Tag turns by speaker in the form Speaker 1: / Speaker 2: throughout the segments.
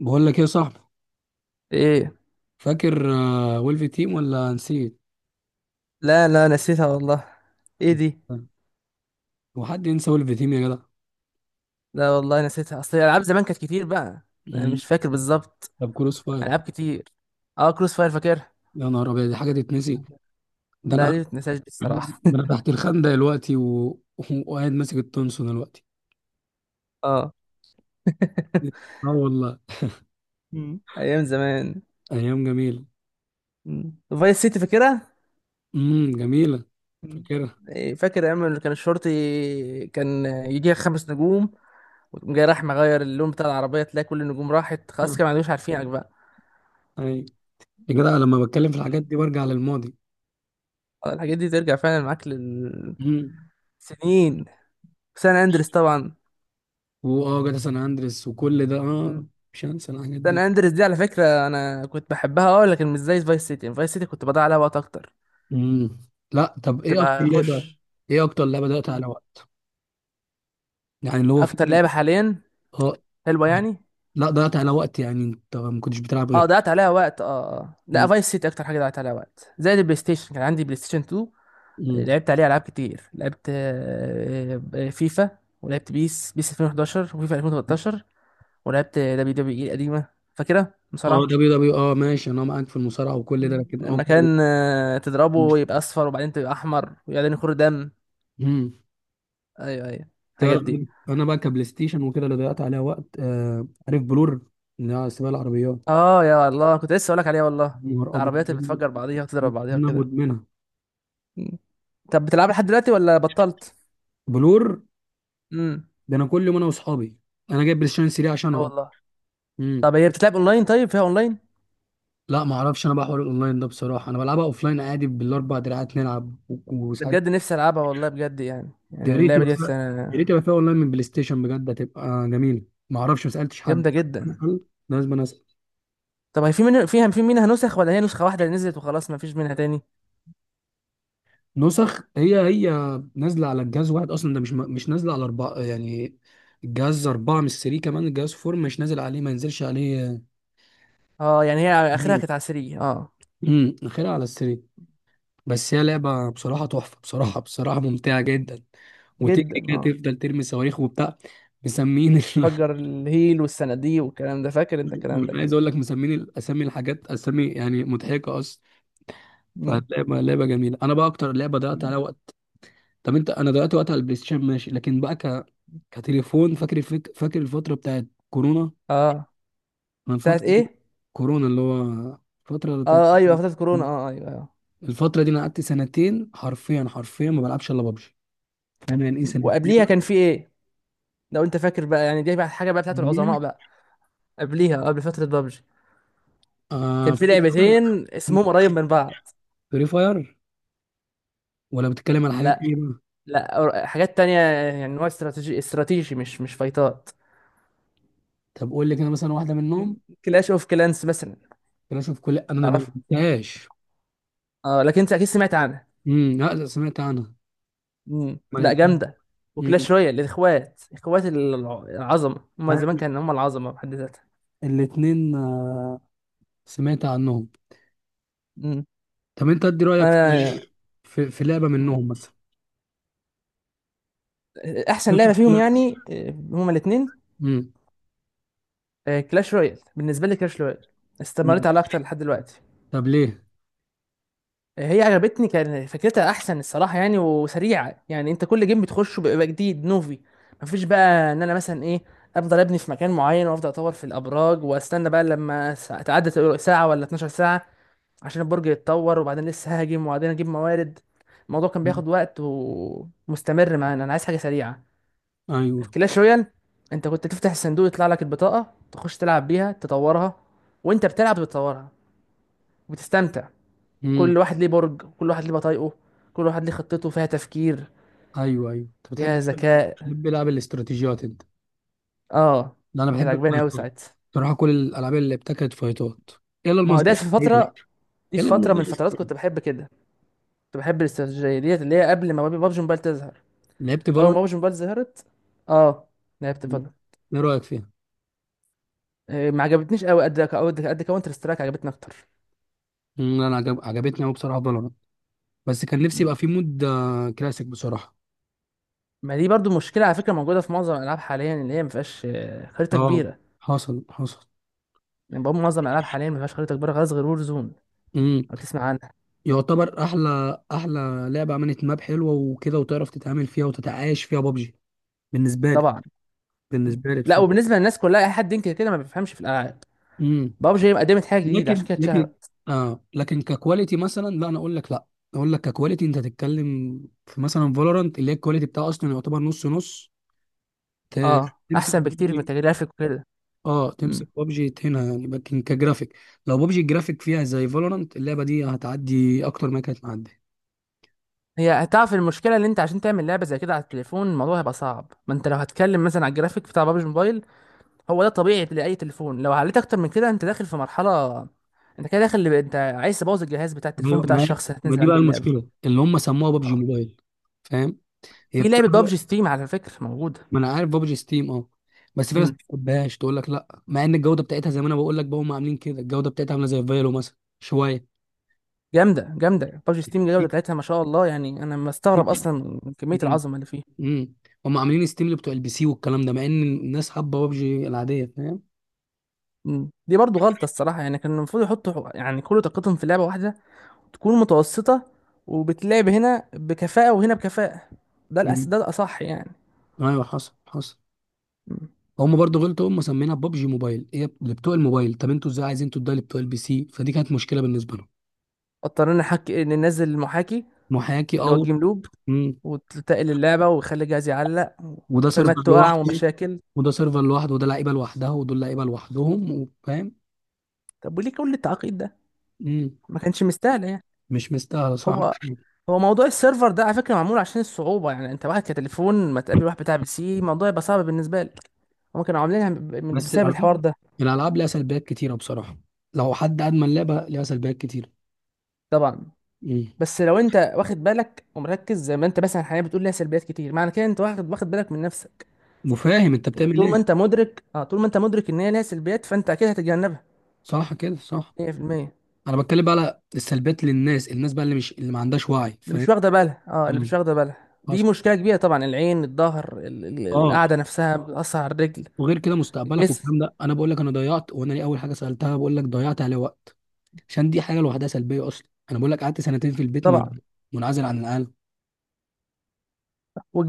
Speaker 1: بقول لك ايه يا صاحبي؟
Speaker 2: ايه.
Speaker 1: فاكر ويلف تيم ولا نسيت؟
Speaker 2: لا لا، نسيتها والله. ايه دي؟
Speaker 1: هو حد ينسى ويلف تيم يا جدع؟
Speaker 2: لا والله نسيتها، اصل الالعاب زمان كانت كتير بقى. انا
Speaker 1: مم.
Speaker 2: مش فاكر بالظبط.
Speaker 1: طب كروس فاير.
Speaker 2: العاب كتير. اه، كروس فاير فاكرها.
Speaker 1: يا نهار ابيض، دي حاجه تتنسي؟ ده
Speaker 2: لا
Speaker 1: انا
Speaker 2: دي متنساش دي الصراحه.
Speaker 1: ده انا تحت الخندق دلوقتي وقاعد ماسك التونسون دلوقتي.
Speaker 2: اه.
Speaker 1: اه والله.
Speaker 2: مم. ايام زمان.
Speaker 1: ايام جميله.
Speaker 2: مم. فايس سيتي فاكرها.
Speaker 1: امم، جميله.
Speaker 2: مم.
Speaker 1: فاكرها.
Speaker 2: إيه، فاكر ايام اللي كان الشرطي كان يجيها خمس نجوم، وتقوم جاي راح مغير اللون بتاع العربيه تلاقي كل النجوم راحت خلاص، كده ما عندوش عارفينك بقى.
Speaker 1: اي. يا جدع، لما بتكلم في الحاجات
Speaker 2: مم.
Speaker 1: دي برجع للماضي.
Speaker 2: آه، الحاجات دي ترجع فعلا معاك للسنين.
Speaker 1: امم.
Speaker 2: سان اندريس طبعا.
Speaker 1: واه جدع، سان اندريس وكل ده، اه. مش هنسى الحاجات
Speaker 2: سان
Speaker 1: دي.
Speaker 2: اندريس دي على فكرة انا كنت بحبها، اه، لكن مش زي فايس سيتي، يعني فايس سيتي كنت بضيع عليها وقت اكتر.
Speaker 1: امم. لا طب،
Speaker 2: كنت
Speaker 1: ايه اكتر لعبه؟
Speaker 2: بخش.
Speaker 1: ايه اكتر لعبه ضيعت
Speaker 2: مم.
Speaker 1: على وقت؟ يعني اللي هو
Speaker 2: اكتر
Speaker 1: فعلا،
Speaker 2: لعبة حاليا
Speaker 1: اه.
Speaker 2: حلوة يعني.
Speaker 1: لا ضيعت على وقت، يعني انت ما كنتش بتلعب
Speaker 2: اه،
Speaker 1: غير.
Speaker 2: ضيعت عليها وقت، اه. لا،
Speaker 1: امم.
Speaker 2: فايس سيتي اكتر حاجة ضيعت عليها وقت، زائد البلاي ستيشن. كان عندي بلاي ستيشن 2،
Speaker 1: امم.
Speaker 2: لعبت عليه العاب كتير. لعبت فيفا، ولعبت بيس 2011، وفيفا 2013، ولعبت دبليو دبليو اي القديمة، فاكرها
Speaker 1: اه
Speaker 2: بصراحة.
Speaker 1: دبليو دبليو اه، ماشي، انا معاك في المصارعه وكل ده،
Speaker 2: مم.
Speaker 1: لكن اه.
Speaker 2: لما كان، آه، تضربه يبقى اصفر، وبعدين تبقى احمر، وبعدين يخر دم.
Speaker 1: امم.
Speaker 2: ايوه ايوه، الحاجات
Speaker 1: تعرف،
Speaker 2: دي.
Speaker 1: انا بقى كبلاي ستيشن وكده اللي ضيعت عليها وقت. عارف بلور، اللي هي سباق العربيات.
Speaker 2: اه يا الله، كنت لسه اقولك عليها والله.
Speaker 1: يا نهار ابيض،
Speaker 2: العربيات اللي بتفجر بعضيها وتضرب بعضيها
Speaker 1: انا
Speaker 2: وكده.
Speaker 1: مدمنها.
Speaker 2: مم. طب بتلعب لحد دلوقتي ولا بطلت؟
Speaker 1: بلور،
Speaker 2: امم،
Speaker 1: ده انا كل يوم انا واصحابي. انا جايب بلاي ستيشن 3
Speaker 2: لا
Speaker 1: عشانها
Speaker 2: والله.
Speaker 1: اصلا.
Speaker 2: طب هي بتتلعب اونلاين؟ طيب فيها اونلاين؟
Speaker 1: لا ما اعرفش، انا بقى حوار الاونلاين ده بصراحه انا بلعبها اوفلاين عادي بالاربع دراعات نلعب
Speaker 2: ده
Speaker 1: وساعات.
Speaker 2: بجد نفسي العبها والله بجد، يعني
Speaker 1: يا
Speaker 2: يعني
Speaker 1: ريت
Speaker 2: اللعبه
Speaker 1: يبقى
Speaker 2: ديت،
Speaker 1: فيها، يا
Speaker 2: آه،
Speaker 1: ريت يبقى فيها اونلاين من بلاي ستيشن بجد هتبقى جميله. ما اعرفش، ما سالتش حد.
Speaker 2: جامده جدا.
Speaker 1: لازم انا اسال.
Speaker 2: طب هي في من، فيها في منها نسخ، ولا هي نسخه واحده اللي نزلت وخلاص ما فيش منها تاني؟
Speaker 1: نسخ. هي نازله على الجهاز واحد اصلا، ده مش نازله على اربعه يعني. الجهاز اربعه مش 3 كمان، الجهاز فور مش نازل عليه، ما ينزلش عليه.
Speaker 2: اه، يعني هي اخرها كانت عسرية اه.
Speaker 1: امم، اخرها على السري. بس هي لعبه بصراحه تحفه، بصراحه ممتعه جدا. وتجري
Speaker 2: جدا
Speaker 1: كده
Speaker 2: اه.
Speaker 1: تفضل ترمي صواريخ وبتاع. مسمين.
Speaker 2: فجر الهيل والصناديق والكلام ده، فاكر انت الكلام ده
Speaker 1: انا عايز
Speaker 2: اكيد.
Speaker 1: اقول لك مسمين الاسامي، الحاجات اسامي يعني مضحكه اصلا.
Speaker 2: مم.
Speaker 1: فهتلاقي بقى لعبه جميله، انا بقى اكتر لعبه ضيعت عليها وقت. طب انت، انا ضيعت وقت على البلاي ستيشن ماشي، لكن بقى كتليفون. فاكر فاكر الفتره بتاعت كورونا؟
Speaker 2: اه.
Speaker 1: انا
Speaker 2: بتاعت
Speaker 1: الفتره دي-
Speaker 2: ايه؟
Speaker 1: كورونا اللي هو الفتره بتاعت.
Speaker 2: اه ايوه، فترة كورونا، اه ايوه، آه.
Speaker 1: الفتره دي انا قعدت سنتين، حرفيا ما بلعبش الا ببجي. فاهم يعني ايه سنتين؟
Speaker 2: وقبليها كان في ايه؟ لو انت فاكر بقى، يعني دي بقى حاجه بقى بتاعت
Speaker 1: ببجي؟
Speaker 2: العظماء بقى. قبليها، آه، قبل فتره بابجي،
Speaker 1: آه،
Speaker 2: كان في
Speaker 1: فري فاير.
Speaker 2: لعبتين اسمهم قريب من بعض.
Speaker 1: فري فاير، ولا بتتكلم على حاجات
Speaker 2: لا.
Speaker 1: ايه بقى؟
Speaker 2: لا. حاجات تانية، يعني نوع استراتيجي، مش فايتات.
Speaker 1: طب قول لي كده مثلا واحده منهم.
Speaker 2: كلاش اوف كلانس مثلا.
Speaker 1: كلاش اوف كل، انا ما
Speaker 2: تعرف؟
Speaker 1: لعبتهاش.
Speaker 2: اه، لكن انت اكيد سمعت عنها.
Speaker 1: امم، لا سمعت عنها.
Speaker 2: مم.
Speaker 1: ما.
Speaker 2: لا، جامده.
Speaker 1: امم،
Speaker 2: وكلاش رويال، الاخوات، اخوات العظمه، هم زمان كانوا هم العظمه بحد ذاتها.
Speaker 1: الاثنين. سمعت عنهم.
Speaker 2: مم.
Speaker 1: طب انت ادي رايك في
Speaker 2: انا.
Speaker 1: في لعبه
Speaker 2: مم.
Speaker 1: منهم مثلا.
Speaker 2: احسن لعبه فيهم، يعني آه، هما الاثنين.
Speaker 1: امم.
Speaker 2: كلاش رويال، بالنسبه لي كلاش رويال. استمريت عليها اكتر لحد دلوقتي.
Speaker 1: طب ليه؟
Speaker 2: آه، هي عجبتني، كان فكرتها احسن الصراحه يعني، وسريعه، يعني انت كل جيم بتخشه بيبقى جديد نوفي. مفيش بقى ان انا مثلا ايه، افضل ابني في مكان معين وافضل اطور في الابراج، واستنى بقى لما تعدي ساعه ولا 12 ساعه عشان البرج يتطور، وبعدين لسه ههاجم، وبعدين اجيب موارد. الموضوع كان
Speaker 1: مم.
Speaker 2: بياخد وقت ومستمر معانا، انا عايز حاجه سريعه. في
Speaker 1: ايوه.
Speaker 2: كلاش رويال، انت كنت تفتح الصندوق يطلع لك البطاقه، تخش تلعب بيها، تطورها، وانت بتلعب بتطورها وبتستمتع.
Speaker 1: امم.
Speaker 2: كل واحد ليه برج، كل واحد ليه بطايقه، كل واحد ليه خطته، فيها تفكير،
Speaker 1: ايوه. ايوه انت بتحب،
Speaker 2: فيها ذكاء.
Speaker 1: بتحب العاب الاستراتيجيات انت.
Speaker 2: اه،
Speaker 1: ده انا
Speaker 2: كانت
Speaker 1: بحب
Speaker 2: عجباني قوي
Speaker 1: الفايتات
Speaker 2: ساعتها.
Speaker 1: بصراحه، كل الالعاب اللي ابتكرت فايتات. يلا
Speaker 2: ما هو
Speaker 1: المصدر.
Speaker 2: ده في فتره، دي في
Speaker 1: يلا
Speaker 2: فتره من
Speaker 1: المصدر.
Speaker 2: الفترات كنت بحب كده، كنت بحب الاستراتيجيه ديت، اللي هي قبل ما بابجي موبايل تظهر.
Speaker 1: لعبت
Speaker 2: اول ما
Speaker 1: فالورانت.
Speaker 2: بابجي موبايل ظهرت، اه، لعبت فالورانت.
Speaker 1: ايه رايك فيها؟
Speaker 2: آه، ما عجبتنيش قوي، قد قد قد كاونتر سترايك عجبتني اكتر.
Speaker 1: مم، انا عجبتني قوي بصراحه فالورانت. بس كان نفسي يبقى في مود كلاسيك بصراحه.
Speaker 2: ما دي برضو مشكله على فكره، موجوده في معظم الالعاب حاليا، اللي هي ما فيهاش، آه، خريطه
Speaker 1: اه
Speaker 2: كبيره.
Speaker 1: حصل.
Speaker 2: يعني بقى معظم الالعاب حاليا ما فيهاش خريطه كبيره خالص غير وور زون،
Speaker 1: امم.
Speaker 2: لو تسمع عنها.
Speaker 1: يعتبر احلى، احلى لعبه عملت ماب حلوه وكده وتعرف تتعامل فيها وتتعايش فيها بابجي. بالنسبه لي،
Speaker 2: طبعا.
Speaker 1: بالنسبه لي
Speaker 2: لا،
Speaker 1: بصراحه.
Speaker 2: وبالنسبه للناس كلها، اي حد ينكر كده ما بيفهمش في الالعاب.
Speaker 1: امم.
Speaker 2: بابجي قدمت حاجه جديده، عشان
Speaker 1: لكن
Speaker 2: كده
Speaker 1: لكن
Speaker 2: اتشهرت.
Speaker 1: اه، لكن ككواليتي مثلا لا، انا اقول لك لا. اقول لك ككواليتي انت تتكلم. في مثلا فالورانت اللي هي الكواليتي بتاعها اصلا يعتبر نص نص. ت-
Speaker 2: اه،
Speaker 1: تمسك
Speaker 2: احسن بكتير من
Speaker 1: بابجي.
Speaker 2: كجرافيك وكده.
Speaker 1: اه،
Speaker 2: مم.
Speaker 1: تمسك بابجي هنا يعني، لكن كجرافيك. لو بابجي الجرافيك فيها زي فالورانت، اللعبه دي هتعدي اكتر ما كانت معديه.
Speaker 2: هي هتعرف المشكله اللي انت، عشان تعمل لعبه زي كده على التليفون، الموضوع هيبقى صعب. ما انت لو هتكلم مثلا على الجرافيك بتاع بابجي موبايل، هو ده طبيعي لاي تليفون. لو عليت اكتر من كده انت داخل في مرحله، انت كده داخل، اللي انت عايز تبوظ الجهاز بتاع التليفون
Speaker 1: ايوه
Speaker 2: بتاع
Speaker 1: ما،
Speaker 2: الشخص اللي
Speaker 1: ما
Speaker 2: هتنزل
Speaker 1: دي بقى
Speaker 2: عنده اللعبه.
Speaker 1: المشكله اللي هم سموها بابجي
Speaker 2: اه.
Speaker 1: موبايل. فاهم. هي
Speaker 2: في
Speaker 1: بتبقى.
Speaker 2: لعبه بابجي ستيم على فكره موجوده.
Speaker 1: ما انا عارف بابجي ستيم، اه. بس في ناس ما
Speaker 2: امم.
Speaker 1: بتحبهاش، تقول لك لا، مع ان الجوده بتاعتها زي ما انا بقول لك بقى هم عاملين كده، الجوده بتاعتها عامله زي فايلو مثلا شويه.
Speaker 2: جامده جامده بابجي ستيم، الجوده بتاعتها ما شاء الله يعني، انا مستغرب اصلا من كميه
Speaker 1: امم.
Speaker 2: العظمه اللي فيها.
Speaker 1: امم. هم عاملين ستيم اللي بتوع البي سي والكلام ده، مع ان الناس حابه بابجي العاديه، فاهم.
Speaker 2: مم. دي برضو غلطة الصراحة، يعني كان المفروض يحطوا يعني كل طاقتهم في لعبة واحدة، تكون متوسطة، وبتلعب هنا بكفاءة وهنا بكفاءة. ده
Speaker 1: امم.
Speaker 2: ده الأصح يعني.
Speaker 1: ايوه حصل.
Speaker 2: مم.
Speaker 1: هم برضو غلطوا، هم مسمينها بابجي موبايل هي اللي بتوع الموبايل، طب انتوا ازاي عايزين تدوها لبتوع البي سي؟ فدي كانت مشكله بالنسبه لهم.
Speaker 2: اضطرينا نحكي ننزل المحاكي،
Speaker 1: محاكي،
Speaker 2: اللي هو
Speaker 1: اه.
Speaker 2: الجيم لوب، وتتقل اللعبة ويخلي الجهاز يعلق،
Speaker 1: وده سيرفر
Speaker 2: وفيرمات تقع
Speaker 1: لوحده،
Speaker 2: ومشاكل.
Speaker 1: وده سيرفر لوحده، وده لعيبه لوحدها، ودول لعيبه لوحدهم، وفاهم.
Speaker 2: طب وليه كل التعقيد ده؟
Speaker 1: مم.
Speaker 2: ما كانش مستاهل يعني.
Speaker 1: مش مستاهله، صح.
Speaker 2: هو هو موضوع السيرفر ده على فكرة معمول عشان الصعوبة، يعني انت واحد كتليفون ما تقابل واحد بتاع بي سي، الموضوع يبقى صعب بالنسبة لك. هما كانوا عاملينها
Speaker 1: بس
Speaker 2: بسبب
Speaker 1: الالعاب،
Speaker 2: الحوار ده.
Speaker 1: الالعاب ليها سلبيات كتيره بصراحه، لو حد ادمن لعبه ليها سلبيات كتيره.
Speaker 2: طبعا.
Speaker 1: مم.
Speaker 2: بس لو انت واخد بالك ومركز زي ما انت مثلا حاليا بتقول ليها سلبيات كتير، معنى كده انت واخد بالك من نفسك.
Speaker 1: وفاهم انت
Speaker 2: يبقى
Speaker 1: بتعمل
Speaker 2: طول
Speaker 1: ايه.
Speaker 2: ما انت مدرك، اه، طول ما انت مدرك ان هي ليها سلبيات، فانت اكيد هتتجنبها.
Speaker 1: صح كده، صح.
Speaker 2: 100%.
Speaker 1: انا بتكلم بقى على السلبيات للناس، الناس بقى اللي مش اللي ما عندهاش وعي،
Speaker 2: اللي
Speaker 1: فاهم.
Speaker 2: مش واخده بالها، اه، اللي مش
Speaker 1: مم.
Speaker 2: واخده بالها دي
Speaker 1: حصل.
Speaker 2: مشكله كبيره طبعا. العين، الظهر،
Speaker 1: اه.
Speaker 2: القعده نفسها بتاثر على الرجل،
Speaker 1: وغير كده مستقبلك
Speaker 2: الجسم.
Speaker 1: والكلام ده، انا بقول لك انا ضيعت، وانا ليه اول حاجه سالتها بقول لك ضيعت عليه وقت. عشان دي حاجه لوحدها سلبيه اصلا، انا بقول لك قعدت سنتين في البيت
Speaker 2: طبعا،
Speaker 1: منعزل عن العالم.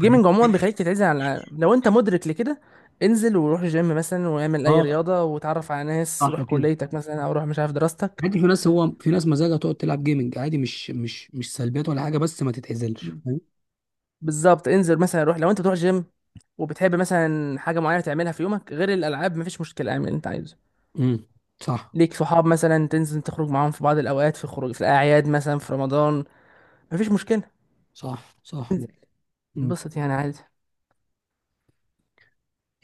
Speaker 1: فاهم؟
Speaker 2: عموما بيخليك تتعزل عن العالم لو انت مدرك لكده. انزل وروح جيم مثلا، واعمل اي
Speaker 1: اه،
Speaker 2: رياضه، وتعرف على ناس،
Speaker 1: صح
Speaker 2: روح
Speaker 1: كده.
Speaker 2: كليتك مثلا، او روح مش عارف دراستك.
Speaker 1: عادي، في ناس، هو في ناس مزاجها تقعد تلعب جيمنج عادي، مش سلبيات ولا حاجه، بس ما تتعزلش
Speaker 2: مم.
Speaker 1: فاهم.
Speaker 2: بالظبط، انزل مثلا، روح لو انت بتروح جيم، وبتحب مثلا حاجة معينة تعملها في يومك غير الألعاب، مفيش مشكلة، اعمل اللي أنت عايزه.
Speaker 1: امم. صح
Speaker 2: ليك صحاب مثلا تنزل تخرج معاهم في بعض الأوقات، في خروج، في الأعياد مثلا، في رمضان، مفيش مشكلة،
Speaker 1: صح صح
Speaker 2: تنزل
Speaker 1: مم.
Speaker 2: انبسط يعني عادي.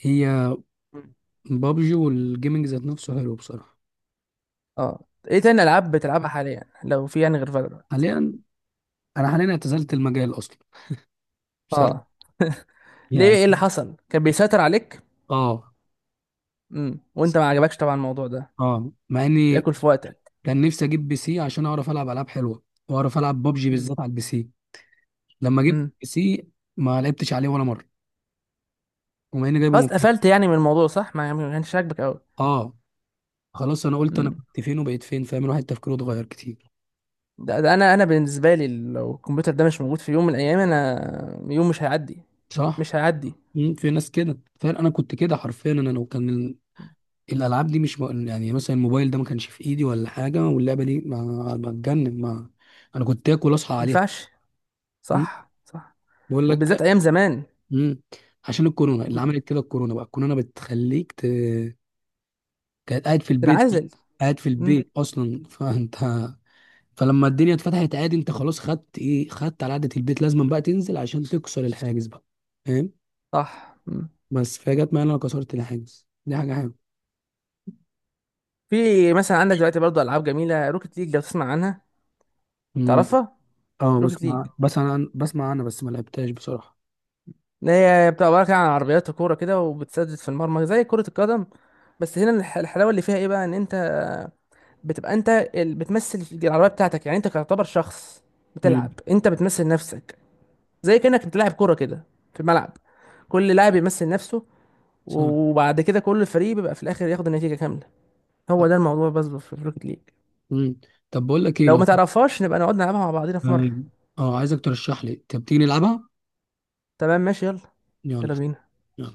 Speaker 1: هي
Speaker 2: مم.
Speaker 1: بابجي والجيمنج ذات نفسه حلو بصراحه.
Speaker 2: اه. ايه تاني ألعاب بتلعبها حاليا لو في، يعني غير فالورانت؟
Speaker 1: حاليا، انا حاليا اعتزلت المجال اصلا بصراحه،
Speaker 2: اه، ليه؟
Speaker 1: يعني.
Speaker 2: ايه اللي حصل، كان بيسيطر عليك؟
Speaker 1: اه.
Speaker 2: امم، وانت ما عجبكش طبعا الموضوع ده،
Speaker 1: اه، مع اني
Speaker 2: بياكل في وقتك.
Speaker 1: كان نفسي اجيب بي سي عشان اعرف العب العاب حلوه واعرف العب بابجي
Speaker 2: امم.
Speaker 1: بالذات على البي سي. لما جبت
Speaker 2: امم.
Speaker 1: بي سي ما لعبتش عليه ولا مره. وما اني جايبه
Speaker 2: خلاص
Speaker 1: من
Speaker 2: قفلت يعني من الموضوع، صح؟ ما يعني ما كانش عاجبك
Speaker 1: اه. خلاص انا قلت
Speaker 2: قوي.
Speaker 1: انا كنت فين وبقيت فين، فاهم، الواحد تفكيره اتغير كتير.
Speaker 2: ده انا بالنسبه لي لو الكمبيوتر ده مش موجود في يوم من الايام، انا يوم مش هيعدي،
Speaker 1: صح.
Speaker 2: مش هيعدي. ما
Speaker 1: مم، في ناس كده فعلا، انا كنت كده حرفيا، انا لو كان الالعاب دي مش م- يعني مثلا الموبايل ده ما كانش في ايدي ولا حاجه، واللعبه دي ما بتجنن، ما انا كنت اكل اصحى عليها.
Speaker 2: ينفعش.
Speaker 1: مم.
Speaker 2: صح صح.
Speaker 1: بقول
Speaker 2: وبالذات
Speaker 1: لك.
Speaker 2: ايام زمان.
Speaker 1: مم. عشان الكورونا اللي عملت كده، الكورونا بقى، الكورونا بتخليك كانت قاعد في البيت.
Speaker 2: تنعزل.
Speaker 1: قاعد في
Speaker 2: مم.
Speaker 1: البيت اصلا فانت. فلما الدنيا اتفتحت عادي انت خلاص خدت ايه، خدت على قعدة البيت، لازم بقى تنزل عشان تكسر الحاجز بقى. فاهم.
Speaker 2: صح. مم.
Speaker 1: بس فهي جت معايا إن انا كسرت الحاجز، دي حاجة حلوه.
Speaker 2: في مثلا عندك دلوقتي برضه العاب جميله، روكيت ليج، لو تسمع عنها،
Speaker 1: امم.
Speaker 2: تعرفها.
Speaker 1: اه
Speaker 2: روكيت ليج،
Speaker 1: بسمع، بس انا بسمع انا بس ما لعبتهاش بصراحة.
Speaker 2: اللي هي بتبقى عباره كده عن عربيات وكوره كده، وبتسدد في المرمى زي كره القدم. بس هنا الحلاوه اللي فيها ايه بقى، ان انت بتبقى انت بتمثل العربيه بتاعتك، يعني انت تعتبر شخص
Speaker 1: امم.
Speaker 2: بتلعب، انت بتمثل نفسك، زي كأنك انت لاعب كورة كده في الملعب، كل لاعب يمثل نفسه،
Speaker 1: صح.
Speaker 2: وبعد كده كل فريق بيبقى في الآخر ياخد النتيجة كاملة. هو ده الموضوع بس في البروكت ليج.
Speaker 1: امم. طب بقول لك ايه،
Speaker 2: لو ما
Speaker 1: لو
Speaker 2: تعرفهاش نبقى نقعد نلعبها مع بعضينا في مرة.
Speaker 1: اه، عايزك ترشح لي. طب تيجي نلعبها.
Speaker 2: تمام ماشي، يلا.
Speaker 1: يلا.
Speaker 2: يلا بينا.
Speaker 1: يلا.